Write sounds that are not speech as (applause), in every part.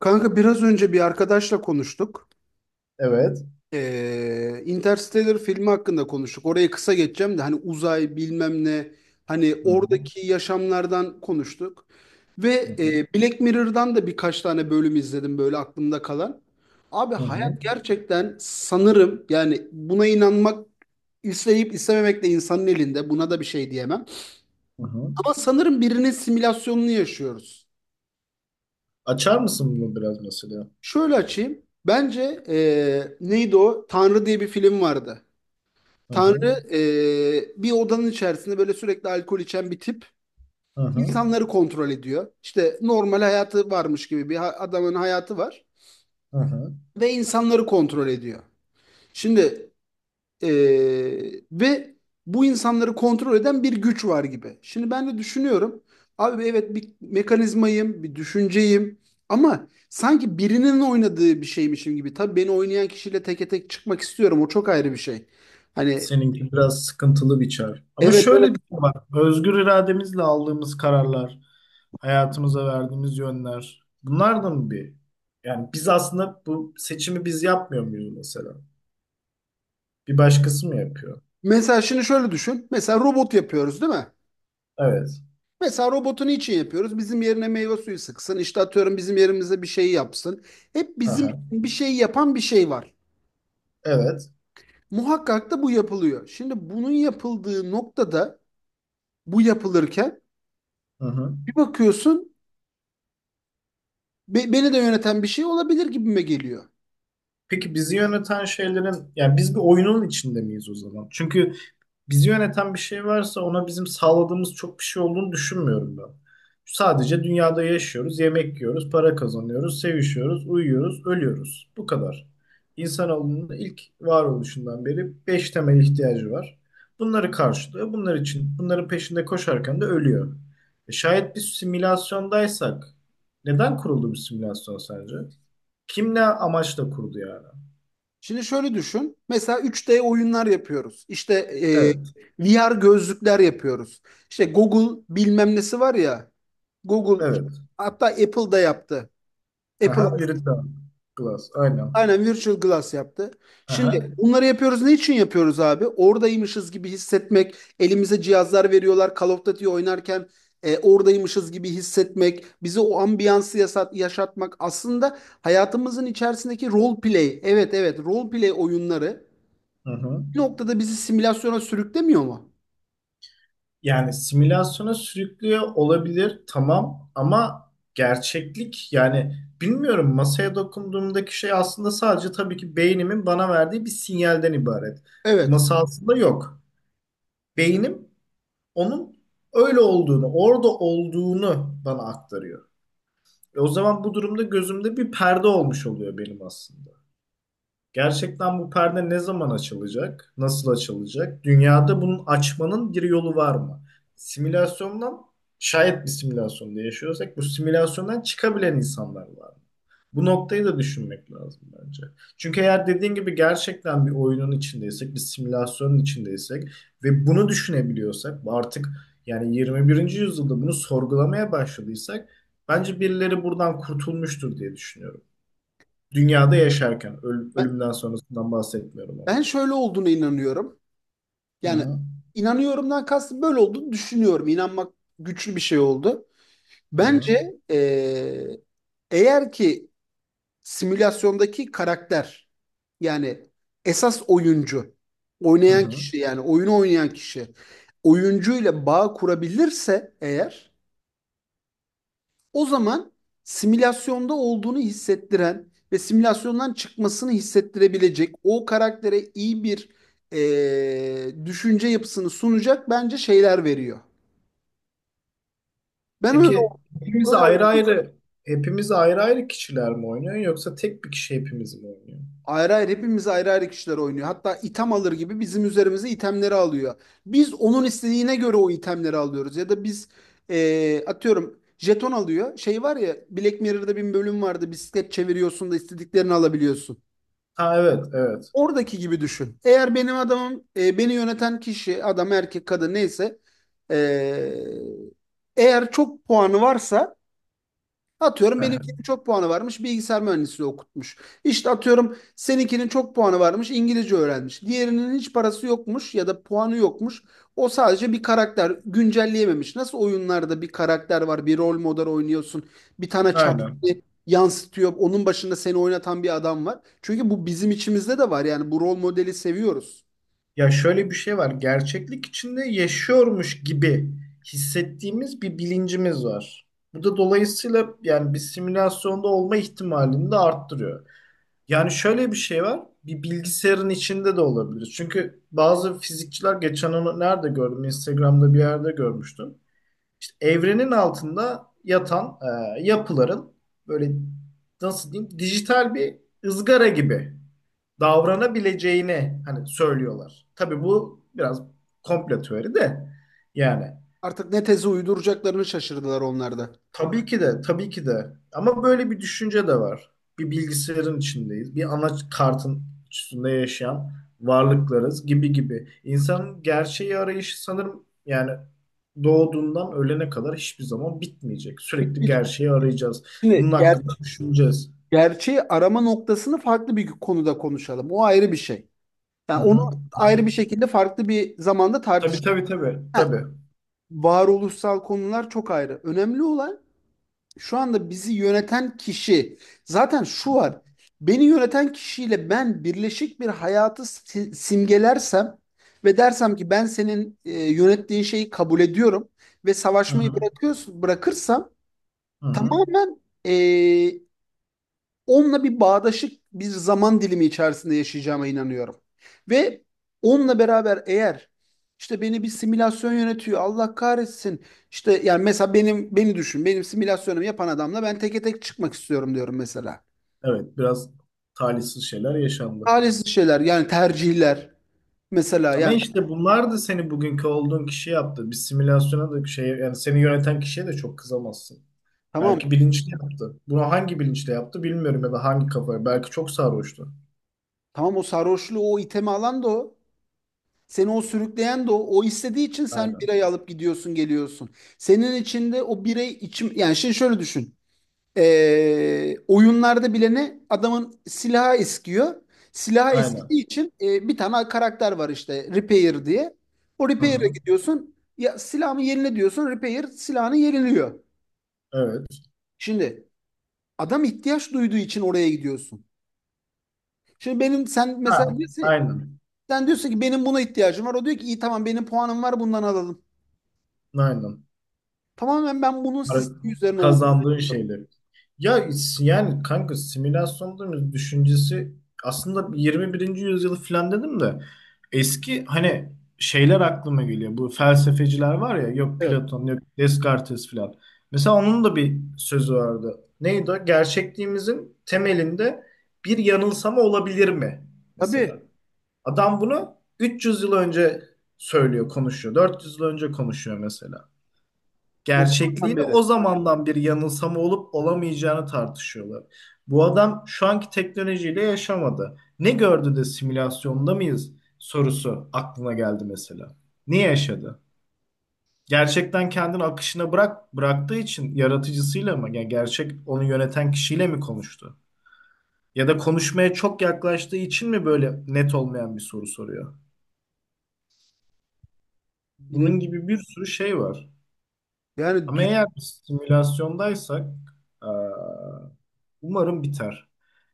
Kanka biraz önce bir arkadaşla konuştuk. Evet. Interstellar filmi hakkında konuştuk. Oraya kısa geçeceğim de hani uzay bilmem ne hani Hı hı. oradaki yaşamlardan konuştuk. Hı hı. Black Mirror'dan da birkaç tane bölüm izledim böyle aklımda kalan. Abi Hı hı. hayat gerçekten sanırım yani buna inanmak isteyip istememek de insanın elinde. Buna da bir şey diyemem. Hı hı. Ama sanırım birinin simülasyonunu yaşıyoruz. Açar mısın bunu biraz mesela? Şöyle açayım. Bence neydi o? Tanrı diye bir film vardı. Hı hı. Tanrı bir odanın içerisinde böyle sürekli alkol içen bir tip Hı hı. insanları kontrol ediyor. İşte normal hayatı varmış gibi adamın hayatı var Hı hı. ve insanları kontrol ediyor. Şimdi Ee, ve bu insanları kontrol eden bir güç var gibi. Şimdi ben de düşünüyorum. Abi evet bir mekanizmayım, bir düşünceyim ama sanki birinin oynadığı bir şeymişim gibi. Tabii beni oynayan kişiyle teke tek çıkmak istiyorum. O çok ayrı bir şey. Hani Seninki biraz sıkıntılı bir çağ. Ama evet, şöyle evet. bir şey var. Özgür irademizle aldığımız kararlar, hayatımıza verdiğimiz yönler. Bunlar da mı bir? Yani biz aslında bu seçimi biz yapmıyor muyuz mesela? Bir başkası mı yapıyor? Mesela şimdi şöyle düşün. Mesela robot yapıyoruz değil mi? Evet. Mesela robotu niçin yapıyoruz? Bizim yerine meyve suyu sıksın. İşte atıyorum bizim yerimize bir şey yapsın. Hep bizim için Aha. bir şey yapan bir şey var. Evet. Muhakkak da bu yapılıyor. Şimdi bunun yapıldığı noktada bu yapılırken Hı hı. bir bakıyorsun beni de yöneten bir şey olabilir gibime geliyor. Peki bizi yöneten şeylerin, yani biz bir oyunun içinde miyiz o zaman? Çünkü bizi yöneten bir şey varsa ona bizim sağladığımız çok bir şey olduğunu düşünmüyorum ben. Sadece dünyada yaşıyoruz, yemek yiyoruz, para kazanıyoruz, sevişiyoruz, uyuyoruz, ölüyoruz. Bu kadar. İnsanoğlunun ilk varoluşundan beri beş temel ihtiyacı var. Bunları karşılıyor. Bunlar için, bunların peşinde koşarken de ölüyor. E şayet biz simülasyondaysak, neden kuruldu bu simülasyon sence? Kim ne amaçla kurdu yani? Şimdi şöyle düşün. Mesela 3D oyunlar yapıyoruz. İşte Evet, VR gözlükler yapıyoruz. İşte Google bilmem nesi var ya. Google evet. hatta Apple da yaptı. Apple Aha, Viridian Glass, aynen. aynen Virtual Glass yaptı. Aha. Şimdi bunları yapıyoruz. Ne için yapıyoruz abi? Oradaymışız gibi hissetmek. Elimize cihazlar veriyorlar. Call of Duty oynarken oradaymışız gibi hissetmek. Bize o ambiyansı yaşatmak. Aslında hayatımızın içerisindeki role play. Evet, evet, role play oyunları Hı hı. bir noktada bizi simülasyona sürüklemiyor mu? Yani simülasyona sürüklüyor olabilir tamam ama gerçeklik yani bilmiyorum masaya dokunduğumdaki şey aslında sadece tabii ki beynimin bana verdiği bir sinyalden ibaret. Bu Evet. masa aslında yok. Beynim onun öyle olduğunu, orada olduğunu bana aktarıyor. E o zaman bu durumda gözümde bir perde olmuş oluyor benim aslında. Gerçekten bu perde ne zaman açılacak? Nasıl açılacak? Dünyada bunun açmanın bir yolu var mı? Simülasyondan şayet bir simülasyonda yaşıyorsak bu simülasyondan çıkabilen insanlar var mı? Bu noktayı da düşünmek lazım bence. Çünkü eğer dediğin gibi gerçekten bir oyunun içindeysek, bir simülasyonun içindeysek ve bunu düşünebiliyorsak, artık yani 21. yüzyılda bunu sorgulamaya başladıysak bence birileri buradan kurtulmuştur diye düşünüyorum. Dünyada yaşarken, Ben, ölümden sonrasından bahsetmiyorum ama. ben şöyle olduğuna inanıyorum. Hı Yani hı, inanıyorumdan kastım böyle olduğunu düşünüyorum. İnanmak güçlü bir şey oldu. hı hı, Bence eğer ki simülasyondaki karakter yani esas oyuncu, hı oynayan hı. kişi yani oyunu oynayan kişi oyuncuyla bağ kurabilirse eğer o zaman simülasyonda olduğunu hissettiren ve simülasyondan çıkmasını hissettirebilecek o karaktere iyi bir düşünce yapısını sunacak bence şeyler veriyor. Ben öyle Peki hepimiz öyle ayrı ayrı, hepimiz ayrı ayrı kişiler mi oynuyor yoksa tek bir kişi hepimiz mi oynuyor? ayrı ayrı hepimiz ayrı ayrı kişiler oynuyor. Hatta item alır gibi bizim üzerimize itemleri alıyor. Biz onun istediğine göre o itemleri alıyoruz. Ya da biz atıyorum jeton alıyor. Şey var ya Black Mirror'da bir bölüm vardı. Bisiklet çeviriyorsun da istediklerini alabiliyorsun. Ha evet, evet. Oradaki gibi düşün. Eğer benim adamım beni yöneten kişi adam erkek kadın neyse eee, eğer çok puanı varsa atıyorum Hı hı, benimkinin çok puanı varmış, bilgisayar mühendisliği okutmuş. İşte atıyorum seninkinin çok puanı varmış, İngilizce öğrenmiş. Diğerinin hiç parası yokmuş ya da puanı yokmuş. O sadece bir karakter güncelleyememiş. Nasıl oyunlarda bir karakter var, bir rol model oynuyorsun. Bir tane çarpı aynen. yansıtıyor. Onun başında seni oynatan bir adam var. Çünkü bu bizim içimizde de var, yani bu rol modeli seviyoruz. Ya şöyle bir şey var. Gerçeklik içinde yaşıyormuş gibi hissettiğimiz bir bilincimiz var. Bu da dolayısıyla yani bir simülasyonda olma ihtimalini de arttırıyor. Yani şöyle bir şey var. Bir bilgisayarın içinde de olabilir. Çünkü bazı fizikçiler geçen onu nerede gördüm? Instagram'da bir yerde görmüştüm. İşte evrenin altında yatan yapıların böyle nasıl diyeyim dijital bir ızgara gibi davranabileceğini hani söylüyorlar. Tabii bu biraz komplo teori de yani. Artık ne tezi uyduracaklarını şaşırdılar onlarda. Tabii ki de, tabii ki de. Ama böyle bir düşünce de var. Bir bilgisayarın içindeyiz. Bir ana kartın üstünde yaşayan varlıklarız gibi gibi. İnsanın gerçeği arayışı sanırım yani doğduğundan ölene kadar hiçbir zaman bitmeyecek. Sürekli gerçeği arayacağız. Şimdi Bunun ger hakkında düşüneceğiz. Gerçeği arama noktasını farklı bir konuda konuşalım. O ayrı bir şey. Yani Hı onu hı. ayrı bir şekilde farklı bir zamanda Tabii tartışalım. tabii tabii. Ha, Tabii. varoluşsal konular çok ayrı. Önemli olan şu anda bizi yöneten kişi. Zaten şu var. Beni yöneten kişiyle ben birleşik bir hayatı simgelersem ve dersem ki ben senin yönettiğin şeyi kabul ediyorum ve Hı savaşmayı hı. bırakıyorsun, bırakırsam Hı hı. tamamen e, onunla bir bağdaşık bir zaman dilimi içerisinde yaşayacağıma inanıyorum. Ve onunla beraber eğer işte beni bir simülasyon yönetiyor Allah kahretsin işte yani mesela benim beni düşün benim simülasyonumu yapan adamla ben teke tek çıkmak istiyorum diyorum mesela. Evet, biraz talihsiz şeyler yaşandı. Talihsiz şeyler yani tercihler mesela Ama yani işte bunlar da seni bugünkü olduğun kişi yaptı. Bir simülasyona da şey yani seni yöneten kişiye de çok kızamazsın. tamam, Belki bilinçli yaptı. Bunu hangi bilinçle yaptı bilmiyorum ya da hangi kafaya. Belki çok sarhoştu. tamam, o sarhoşluğu o itemi alan da o. Seni o sürükleyen de o. O istediği için sen Aynen. birayı alıp gidiyorsun geliyorsun. Senin içinde o birey içim yani şey şöyle düşün. Oyunlarda bile ne? Adamın silahı eskiyor. Silahı Aynen. eskidiği için bir tane karakter var işte Repair diye. O Hı Repair'e hı. gidiyorsun. Ya silahımı yenile diyorsun. Repair silahını yeniliyor. Evet. Şimdi adam ihtiyaç duyduğu için oraya gidiyorsun. Şimdi benim sen Ha, mesela diyorsun, aynen. sen diyorsun ki benim buna ihtiyacım var. O diyor ki iyi tamam benim puanım var bundan alalım. Aynen. Tamamen ben bunun Para- sistemi üzerine oldum. Kazandığın şeyleri. Ya yani kanka simülasyon değil düşüncesi aslında 21. yüzyılı falan dedim de eski hani şeyler aklıma geliyor. Bu felsefeciler var ya yok Evet. Platon yok Descartes falan. Mesela onun da bir sözü vardı. Neydi o? Gerçekliğimizin temelinde bir yanılsama olabilir mi? Mesela. Tabii. Adam bunu 300 yıl önce söylüyor, konuşuyor. 400 yıl önce konuşuyor mesela O zamandan gerçekliğini beri. o zamandan bir yanılsama olup olamayacağını tartışıyorlar. Bu adam şu anki teknolojiyle yaşamadı. Ne gördü de simülasyonda mıyız sorusu aklına geldi mesela. Niye yaşadı? Gerçekten kendini akışına bıraktığı için yaratıcısıyla mı? Yani gerçek onu yöneten kişiyle mi konuştu? Ya da konuşmaya çok yaklaştığı için mi böyle net olmayan bir soru soruyor? Bilemiyorum. Bunun gibi bir sürü şey var. Yani Ama düşün, eğer biz simülasyondaysak eee, umarım biter.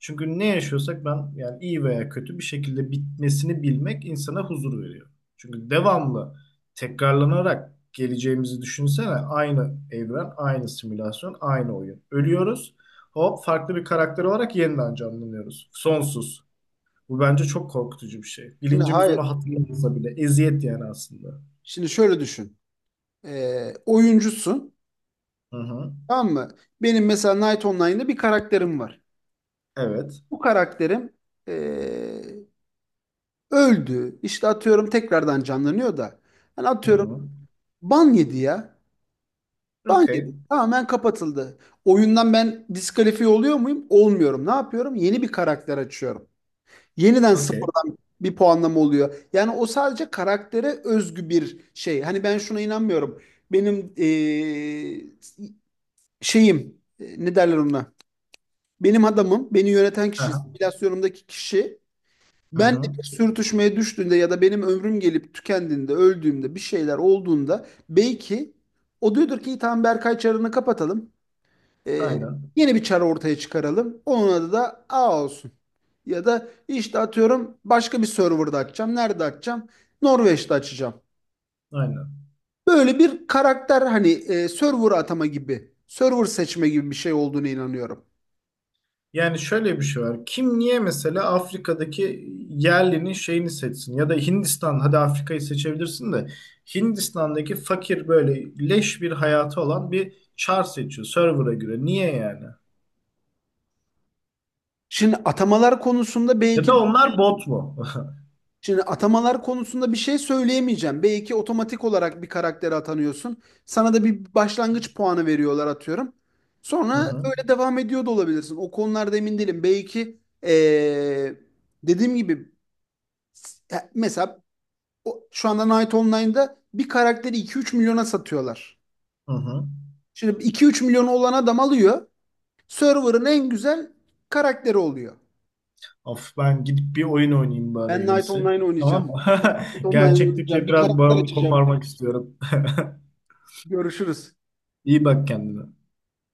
Çünkü ne yaşıyorsak ben yani iyi veya kötü bir şekilde bitmesini bilmek insana huzur veriyor. Çünkü devamlı tekrarlanarak geleceğimizi düşünsene aynı evren, aynı simülasyon, aynı oyun. Ölüyoruz. Hop farklı bir karakter olarak yeniden canlanıyoruz. Sonsuz. Bu bence çok korkutucu bir şey. Bilincimiz hayır. onu hatırlamasa bile eziyet yani aslında. Şimdi şöyle düşün. Oyuncusun. Hı hı. Tamam mı? Benim mesela Night Online'da bir karakterim var. Evet. Bu karakterim ee, öldü. İşte atıyorum tekrardan canlanıyor da. Hani Hı atıyorum hı. ban yedi ya. Ban yedi. Okey. Tamamen kapatıldı. Oyundan ben diskalifiye oluyor muyum? Olmuyorum. Ne yapıyorum? Yeni bir karakter açıyorum. Yeniden Okey. sıfırdan bir puanlama oluyor. Yani o sadece karaktere özgü bir şey. Hani ben şuna inanmıyorum. Benim şeyim ne derler ona? Benim adamım, beni yöneten kişi, Aha simülasyonumdaki kişi benle aha hı. bir sürtüşmeye düştüğünde ya da benim ömrüm gelip tükendiğinde, öldüğümde bir şeyler olduğunda belki o diyordur ki "İyi, tamam Berkay çarını kapatalım. Eee, Aynen. yeni bir çar ortaya çıkaralım. Onun adı da A olsun. Ya da işte atıyorum başka bir serverda açacağım. Nerede açacağım? Norveç'te açacağım." Aynen. Böyle bir karakter hani server atama gibi, server seçme gibi bir şey olduğunu inanıyorum. Yani şöyle bir şey var. Kim niye mesela Afrika'daki yerlinin şeyini seçsin? Ya da Hindistan, hadi Afrika'yı seçebilirsin de Hindistan'daki fakir böyle leş bir hayatı olan bir çar seçiyor server'a göre. Niye yani? Şimdi atamalar konusunda Ya belki da onlar bot mu? (laughs) şimdi atamalar konusunda bir şey söyleyemeyeceğim. Belki otomatik olarak bir karaktere atanıyorsun. Sana da bir başlangıç puanı veriyorlar atıyorum. Sonra Hı hı. öyle devam ediyor da olabilirsin. O konularda emin değilim. Belki dediğim gibi ya mesela şu anda Knight Online'da bir karakteri 2-3 milyona satıyorlar. Hı hı. Şimdi 2-3 milyonu olan adam alıyor. Server'ın en güzel karakteri oluyor. Of ben gidip bir oyun oynayayım Ben bari en Knight iyisi. Online oynayacağım. Tamam mı? Ben Knight (laughs) Online oynayacağım. Gerçeklikle Bir biraz karakter bağımı açacağım. koparmak istiyorum. (laughs) Görüşürüz. İyi bak kendine.